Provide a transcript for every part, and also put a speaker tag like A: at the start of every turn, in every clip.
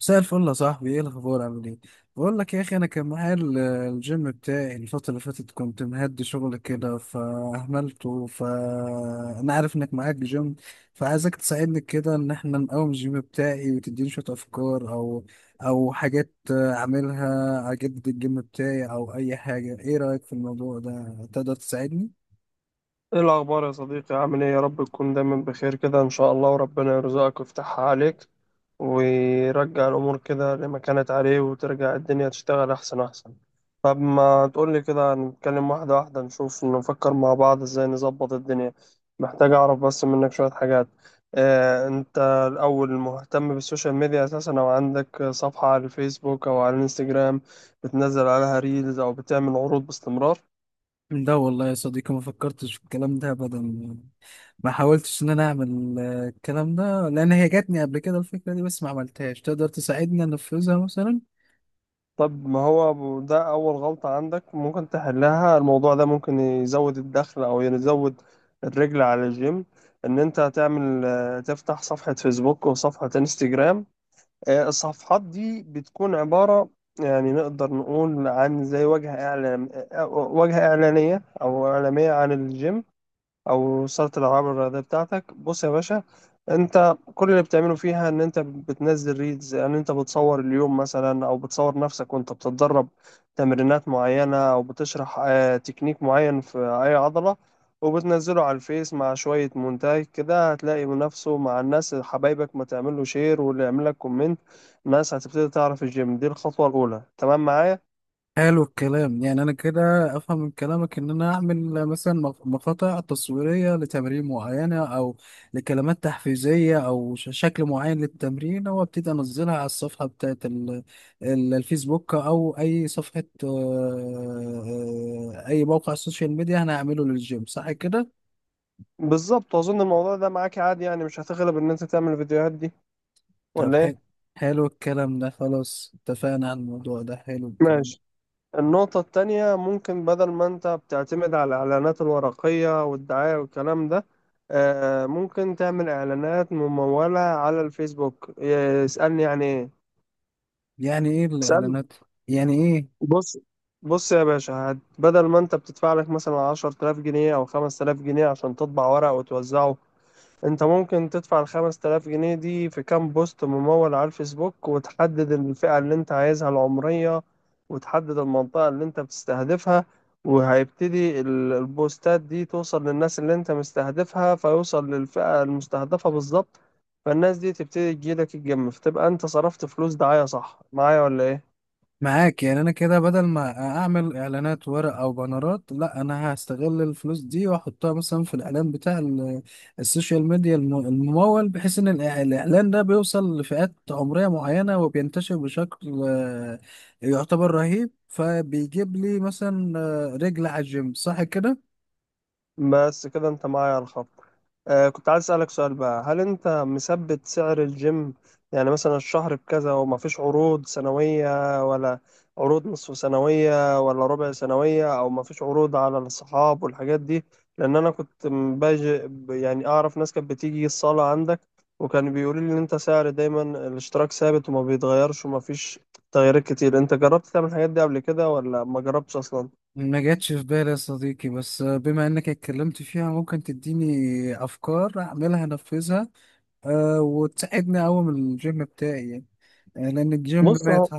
A: مساء الفل يا صاحبي، ايه الاخبار؟ عامل ايه؟ بقول لك يا اخي، انا كان معايا الجيم بتاعي الفتره اللي فاتت. كنت مهدي شغل كده فاهملته، فانا عارف انك معاك جيم، فعايزك تساعدني كده ان احنا نقوم الجيم بتاعي، وتديني شويه افكار او او حاجات اعملها اجدد الجيم بتاعي او اي حاجه. ايه رايك في الموضوع ده؟ تقدر تساعدني؟
B: ايه الاخبار يا صديقي؟ عامل ايه؟ يا رب تكون دايما بخير كده ان شاء الله، وربنا يرزقك ويفتحها عليك ويرجع الامور كده لما كانت عليه، وترجع الدنيا تشتغل احسن احسن. طب ما تقول لي كده، نتكلم واحده واحده، نشوف نفكر مع بعض ازاي نظبط الدنيا. محتاج اعرف بس منك شويه حاجات. انت الاول مهتم بالسوشيال ميديا اساسا، او عندك صفحه على الفيسبوك او على الانستجرام بتنزل عليها ريلز او بتعمل عروض باستمرار؟
A: ده والله يا صديقي ما فكرتش في الكلام ده ابدا، ما حاولتش ان انا اعمل، الكلام ده، لان هي جاتني قبل كده الفكره دي بس ما عملتهاش. تقدر تساعدني انفذها مثلا؟
B: طب ما هو ده أول غلطة عندك ممكن تحلها. الموضوع ده ممكن يزود الدخل أو يزود الرجل على الجيم. إن أنت هتعمل، تفتح صفحة فيسبوك وصفحة انستجرام. الصفحات دي بتكون عبارة، يعني نقدر نقول، عن زي وجهة إعلان، وجهة إعلانية أو إعلامية عن الجيم او صاله الالعاب الرياضيه بتاعتك. بص يا باشا، انت كل اللي بتعمله فيها ان انت بتنزل ريلز، يعني انت بتصور اليوم مثلا، او بتصور نفسك وانت بتتدرب تمرينات معينه، او بتشرح تكنيك معين في اي عضله وبتنزله على الفيس مع شويه مونتاج كده، هتلاقي نفسه مع الناس، حبايبك ما تعمل له شير واللي يعمل لك كومنت، الناس هتبتدي تعرف الجيم. دي الخطوه الاولى، تمام معايا؟
A: حلو الكلام. يعني انا كده افهم من كلامك ان انا اعمل، مثلا مقاطع تصويريه لتمارين معينه، او لكلمات تحفيزيه، او شكل معين للتمرين، وابتدي انزلها على الصفحه بتاعت الفيسبوك، او اي صفحه، اي موقع سوشيال ميديا انا هعمله للجيم. صح كده؟
B: بالظبط. واظن الموضوع ده معاك عادي، يعني مش هتغلب ان انت تعمل الفيديوهات دي
A: طب
B: ولا ايه؟
A: حلو. حلو الكلام ده، خلاص اتفقنا على الموضوع ده، حلو الكلام.
B: ماشي. النقطة التانية، ممكن بدل ما انت بتعتمد على الإعلانات الورقية والدعاية والكلام ده، ممكن تعمل إعلانات ممولة على الفيسبوك. اسألني يعني ايه.
A: يعني ايه
B: اسألني.
A: الاعلانات؟ يعني ايه؟
B: بص. بص يا باشا، بدل ما انت بتدفع لك مثلا 10,000 جنيه أو 5,000 جنيه عشان تطبع ورق وتوزعه، انت ممكن تدفع الخمس تلاف جنيه دي في كام بوست ممول على الفيسبوك، وتحدد الفئة اللي انت عايزها العمرية، وتحدد المنطقة اللي انت بتستهدفها، وهيبتدي البوستات دي توصل للناس اللي انت مستهدفها، فيوصل للفئة المستهدفة بالظبط. فالناس دي تبتدي تجيلك الجيم، فتبقى انت صرفت فلوس دعاية. صح معايا ولا ايه؟
A: معاك. يعني انا كده بدل ما اعمل اعلانات ورق او بانرات، لا، انا هستغل الفلوس دي واحطها مثلا في الاعلان بتاع السوشيال ميديا الممول، بحيث ان الاعلان ده بيوصل لفئات عمرية معينة، وبينتشر بشكل، يعتبر رهيب، فبيجيب لي مثلا، رجل على الجيم. صح كده؟
B: بس كده انت معايا على الخط. آه، كنت عايز اسألك سؤال بقى، هل انت مثبت سعر الجيم؟ يعني مثلا الشهر بكذا، وما فيش عروض سنوية ولا عروض نصف سنوية ولا ربع سنوية، او ما فيش عروض على الصحاب والحاجات دي؟ لان انا كنت باجي يعني اعرف ناس كانت بتيجي الصالة عندك، وكان بيقولوا لي ان انت سعر دايما الاشتراك ثابت وما بيتغيرش، وما فيش تغييرات كتير. انت جربت تعمل الحاجات دي قبل كده، ولا ما جربتش اصلا؟
A: ما جاتش في بالي يا صديقي، بس بما انك اتكلمت فيها، ممكن تديني افكار اعملها انفذها، أه، وتساعدني اقوم الجيم بتاعي يعني، لان الجيم
B: بص
A: مات.
B: هو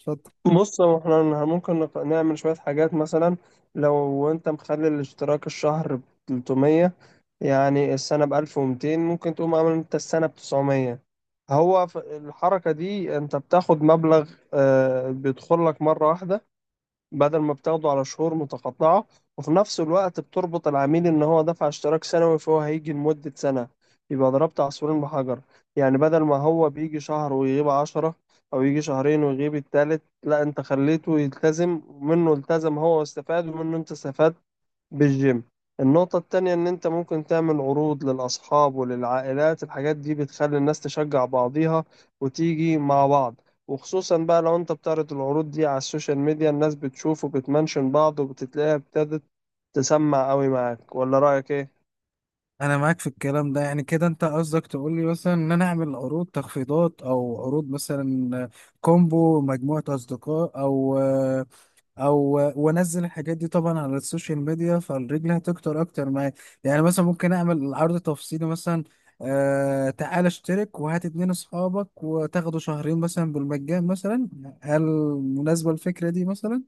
A: اتفضل.
B: بص هو، احنا ممكن نعمل شوية حاجات مثلا. لو انت مخلي الاشتراك الشهر ب 300، يعني السنة ب 1200، ممكن تقوم عامل انت السنة ب 900. هو في الحركة دي انت بتاخد مبلغ بيدخل لك مرة واحدة بدل ما بتاخده على شهور متقطعة، وفي نفس الوقت بتربط العميل إن هو دفع اشتراك سنوي، فهو هيجي لمدة سنة. يبقى ضربت عصفورين بحجر. يعني بدل ما هو بيجي شهر ويغيب عشرة، أو يجي شهرين ويغيب التالت، لا أنت خليته يلتزم، منه التزم هو واستفاد، ومنه أنت استفاد بالجيم. النقطة التانية، إن أنت ممكن تعمل عروض للأصحاب وللعائلات. الحاجات دي بتخلي الناس تشجع بعضيها وتيجي مع بعض، وخصوصا بقى لو أنت بتعرض العروض دي على السوشيال ميديا، الناس بتشوف وبتمنشن بعض، وبتتلاقيها ابتدت تسمع قوي. معاك ولا رأيك إيه؟
A: انا معاك في الكلام ده. يعني كده انت قصدك تقول لي مثلا ان انا اعمل عروض تخفيضات، او عروض مثلا كومبو مجموعة اصدقاء او او وانزل الحاجات دي طبعا على السوشيال ميديا، فالرجل هتكتر اكتر معايا. يعني مثلا ممكن اعمل عرض تفصيلي مثلا، آه، تعال اشترك وهات اتنين اصحابك وتاخدوا شهرين مثلا بالمجان مثلا. هل مناسبة الفكرة دي مثلا؟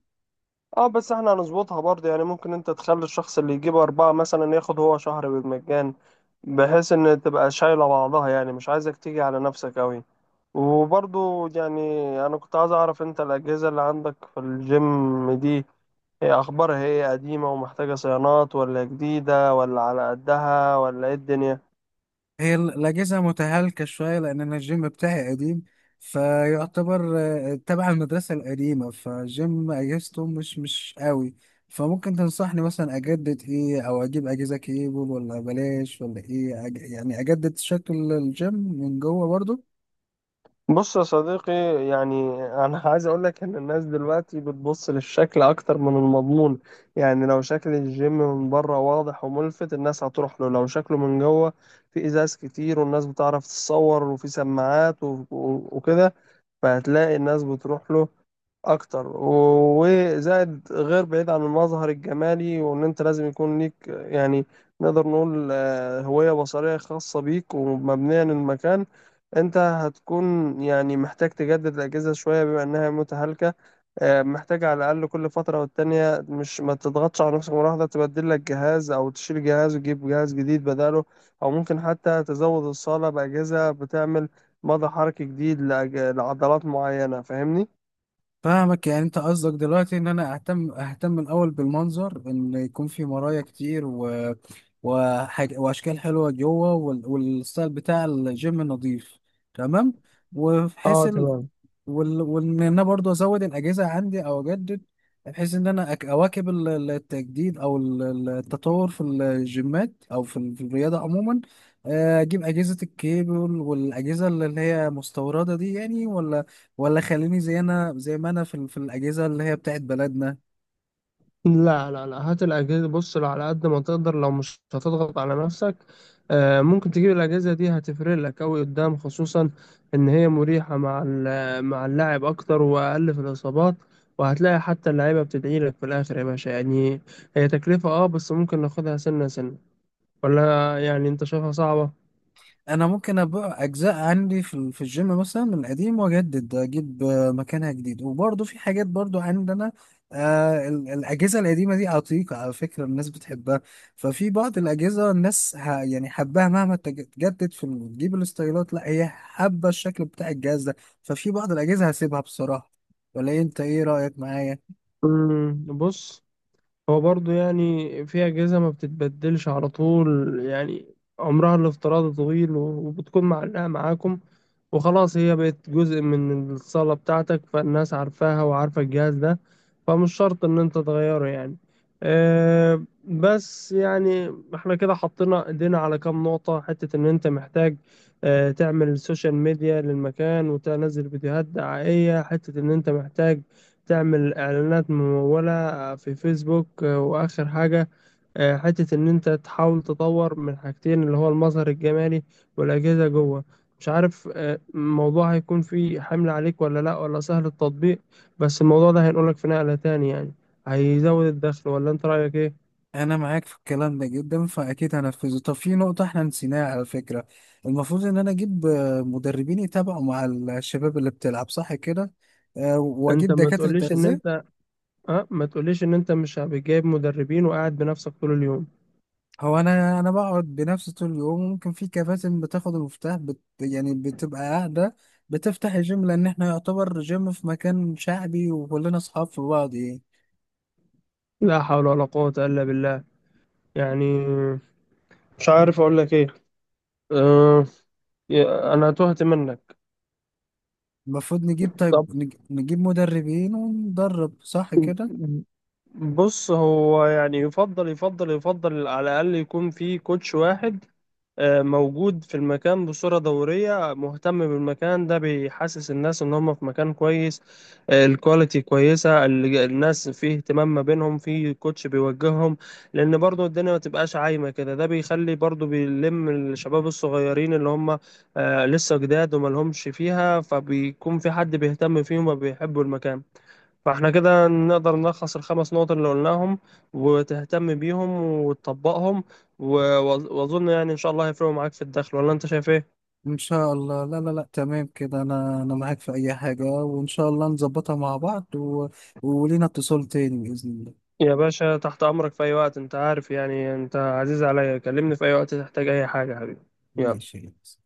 B: اه، بس احنا هنظبطها برضه، يعني ممكن انت تخلي الشخص اللي يجيب أربعة مثلا ياخد هو شهر بالمجان، بحيث إن تبقى شايلة بعضها. يعني مش عايزك تيجي على نفسك أوي. وبرضو يعني، أنا كنت عايز أعرف، أنت الأجهزة اللي عندك في الجيم دي، هي أخبارها إيه؟ قديمة ومحتاجة صيانات، ولا جديدة، ولا على قدها، ولا إيه الدنيا؟
A: هي الأجهزة متهالكة شوية، لأن أنا الجيم بتاعي قديم، فيعتبر، تبع المدرسة القديمة، فالجيم أجهزته مش قوي. فممكن تنصحني مثلا أجدد إيه؟ أو أجيب أجهزة كيبل ولا بلاش ولا إيه أج... يعني أجدد شكل الجيم من جوه برضو؟
B: بص يا صديقي، يعني أنا عايز أقولك إن الناس دلوقتي بتبص للشكل أكتر من المضمون. يعني لو شكل الجيم من بره واضح وملفت، الناس هتروح له. لو شكله من جوه في إزاز كتير والناس بتعرف تتصور، وفي سماعات، وكده، فهتلاقي الناس بتروح له اكتر. وزائد غير بعيد عن المظهر الجمالي، وان انت لازم يكون ليك، يعني نقدر نقول، هوية بصرية خاصة بيك ومبنية للمكان. انت هتكون يعني محتاج تجدد الاجهزة شوية بما انها متهالكة. محتاج على الاقل كل فترة والتانية، مش ما تضغطش على نفسك مرة واحدة، تبدل لك جهاز، او تشيل جهاز وتجيب جهاز جديد بداله. او ممكن حتى تزود الصالة باجهزة بتعمل مدى حركي جديد لعضلات معينة. فاهمني؟
A: فاهمك. يعني انت قصدك دلوقتي ان انا اهتم الاول بالمنظر، ان يكون في مرايا كتير و... وحاج... واشكال حلوه جوه، وال... والستايل بتاع الجيم نظيف. تمام. وبحيث
B: اه
A: ال...
B: تمام.
A: وال... وان انا برضو ازود الاجهزه عندي او اجدد، بحيث ان انا اواكب التجديد او التطور في الجيمات او في في الرياضه عموما. اجيب اجهزه الكيبل والاجهزه اللي هي مستورده دي يعني، ولا ولا خليني زي انا، زي ما انا في في الاجهزه اللي هي بتاعت بلدنا؟
B: لا لا لا، هات الأجهزة. بص، لو على قد ما تقدر، لو مش هتضغط على نفسك، ممكن تجيب الأجهزة دي، هتفرق لك أوي قدام، خصوصا إن هي مريحة مع مع اللاعب أكتر وأقل في الإصابات، وهتلاقي حتى اللعيبة بتدعي لك في الآخر يا باشا، يعني. هي تكلفة، أه، بس ممكن ناخدها سنة سنة. ولا يعني أنت شايفها صعبة؟
A: انا ممكن ابقى اجزاء عندي في في الجيم مثلا من القديم، واجدد اجيب، مكانها جديد، وبرضه في حاجات برضه عندنا، آه، الاجهزه القديمه دي عتيقه، على فكره الناس بتحبها. ففي بعض الاجهزه الناس يعني حباها، مهما تجدد في تجيب الاستايلات، لا هي حابه الشكل بتاع الجهاز ده. ففي بعض الاجهزه هسيبها بصراحه. ولا إيه؟ انت ايه رايك معايا؟
B: بص، هو برضه يعني في أجهزة ما بتتبدلش على طول، يعني عمرها الافتراضي طويل، وبتكون معلقة معاكم وخلاص، هي بقت جزء من الصالة بتاعتك، فالناس عارفاها وعارفة الجهاز ده، فمش شرط إن أنت تغيره يعني. أه، بس يعني احنا كده حطينا ايدينا على كام نقطة. حتة إن أنت محتاج أه تعمل سوشيال ميديا للمكان وتنزل فيديوهات دعائية، حتة إن أنت محتاج تعمل اعلانات ممولة في فيسبوك، واخر حاجة حتة ان انت تحاول تطور من حاجتين، اللي هو المظهر الجمالي والاجهزة جوه. مش عارف الموضوع هيكون فيه حمل عليك ولا لا، ولا سهل التطبيق، بس الموضوع ده هينقلك في نقلة تاني يعني، هيزود الدخل. ولا انت رأيك ايه؟
A: انا معاك في الكلام ده جدا، فاكيد هنفذه. طب في نقطه احنا نسيناها على فكره، المفروض ان انا اجيب، مدربين يتابعوا مع الشباب اللي بتلعب. صح كده؟
B: انت
A: واجيب
B: ما
A: دكاتره
B: تقوليش ان
A: تغذيه.
B: انت، اه ما تقوليش ان انت مش بتجيب مدربين وقاعد بنفسك طول اليوم؟
A: هو انا بقعد بنفسي طول اليوم، ممكن في كباتن بتاخد المفتاح بت يعني بتبقى قاعده بتفتح الجيم، لان احنا يعتبر جيم في مكان شعبي، وكلنا اصحاب في بعض يعني.
B: لا حول ولا قوة الا بالله. يعني مش عارف اقول لك ايه. آه، أنا تهت منك.
A: المفروض نجيب، طيب
B: طب
A: نجيب مدربين وندرب. صح كده؟
B: بص، هو يعني يفضل على الأقل يكون في كوتش واحد موجود في المكان بصورة دورية، مهتم بالمكان ده، بيحسس الناس ان هم في مكان كويس، الكواليتي كويسة، الناس فيه اهتمام ما بينهم، في كوتش بيوجههم، لان برضو الدنيا ما تبقاش عايمة كده. ده بيخلي برضو، بيلم الشباب الصغيرين اللي هم لسه جداد وما لهمش فيها، فبيكون في حد بيهتم فيهم وبيحبوا المكان. فاحنا كده نقدر نلخص الخمس نقط اللي قلناهم، وتهتم بيهم، وتطبقهم، و- واظن يعني ان شاء الله هيفرقوا معاك في الدخل. ولا انت شايف ايه؟
A: ان شاء الله. لا لا لا، تمام كده، انا معاك في اي حاجة، وان شاء الله نظبطها مع بعض و... ولينا اتصال تاني بإذن الله.
B: يا باشا تحت امرك في اي وقت، انت عارف، يعني انت عزيز عليا، كلمني في اي وقت تحتاج اي حاجة يا حبيبي. يلا.
A: ماشي.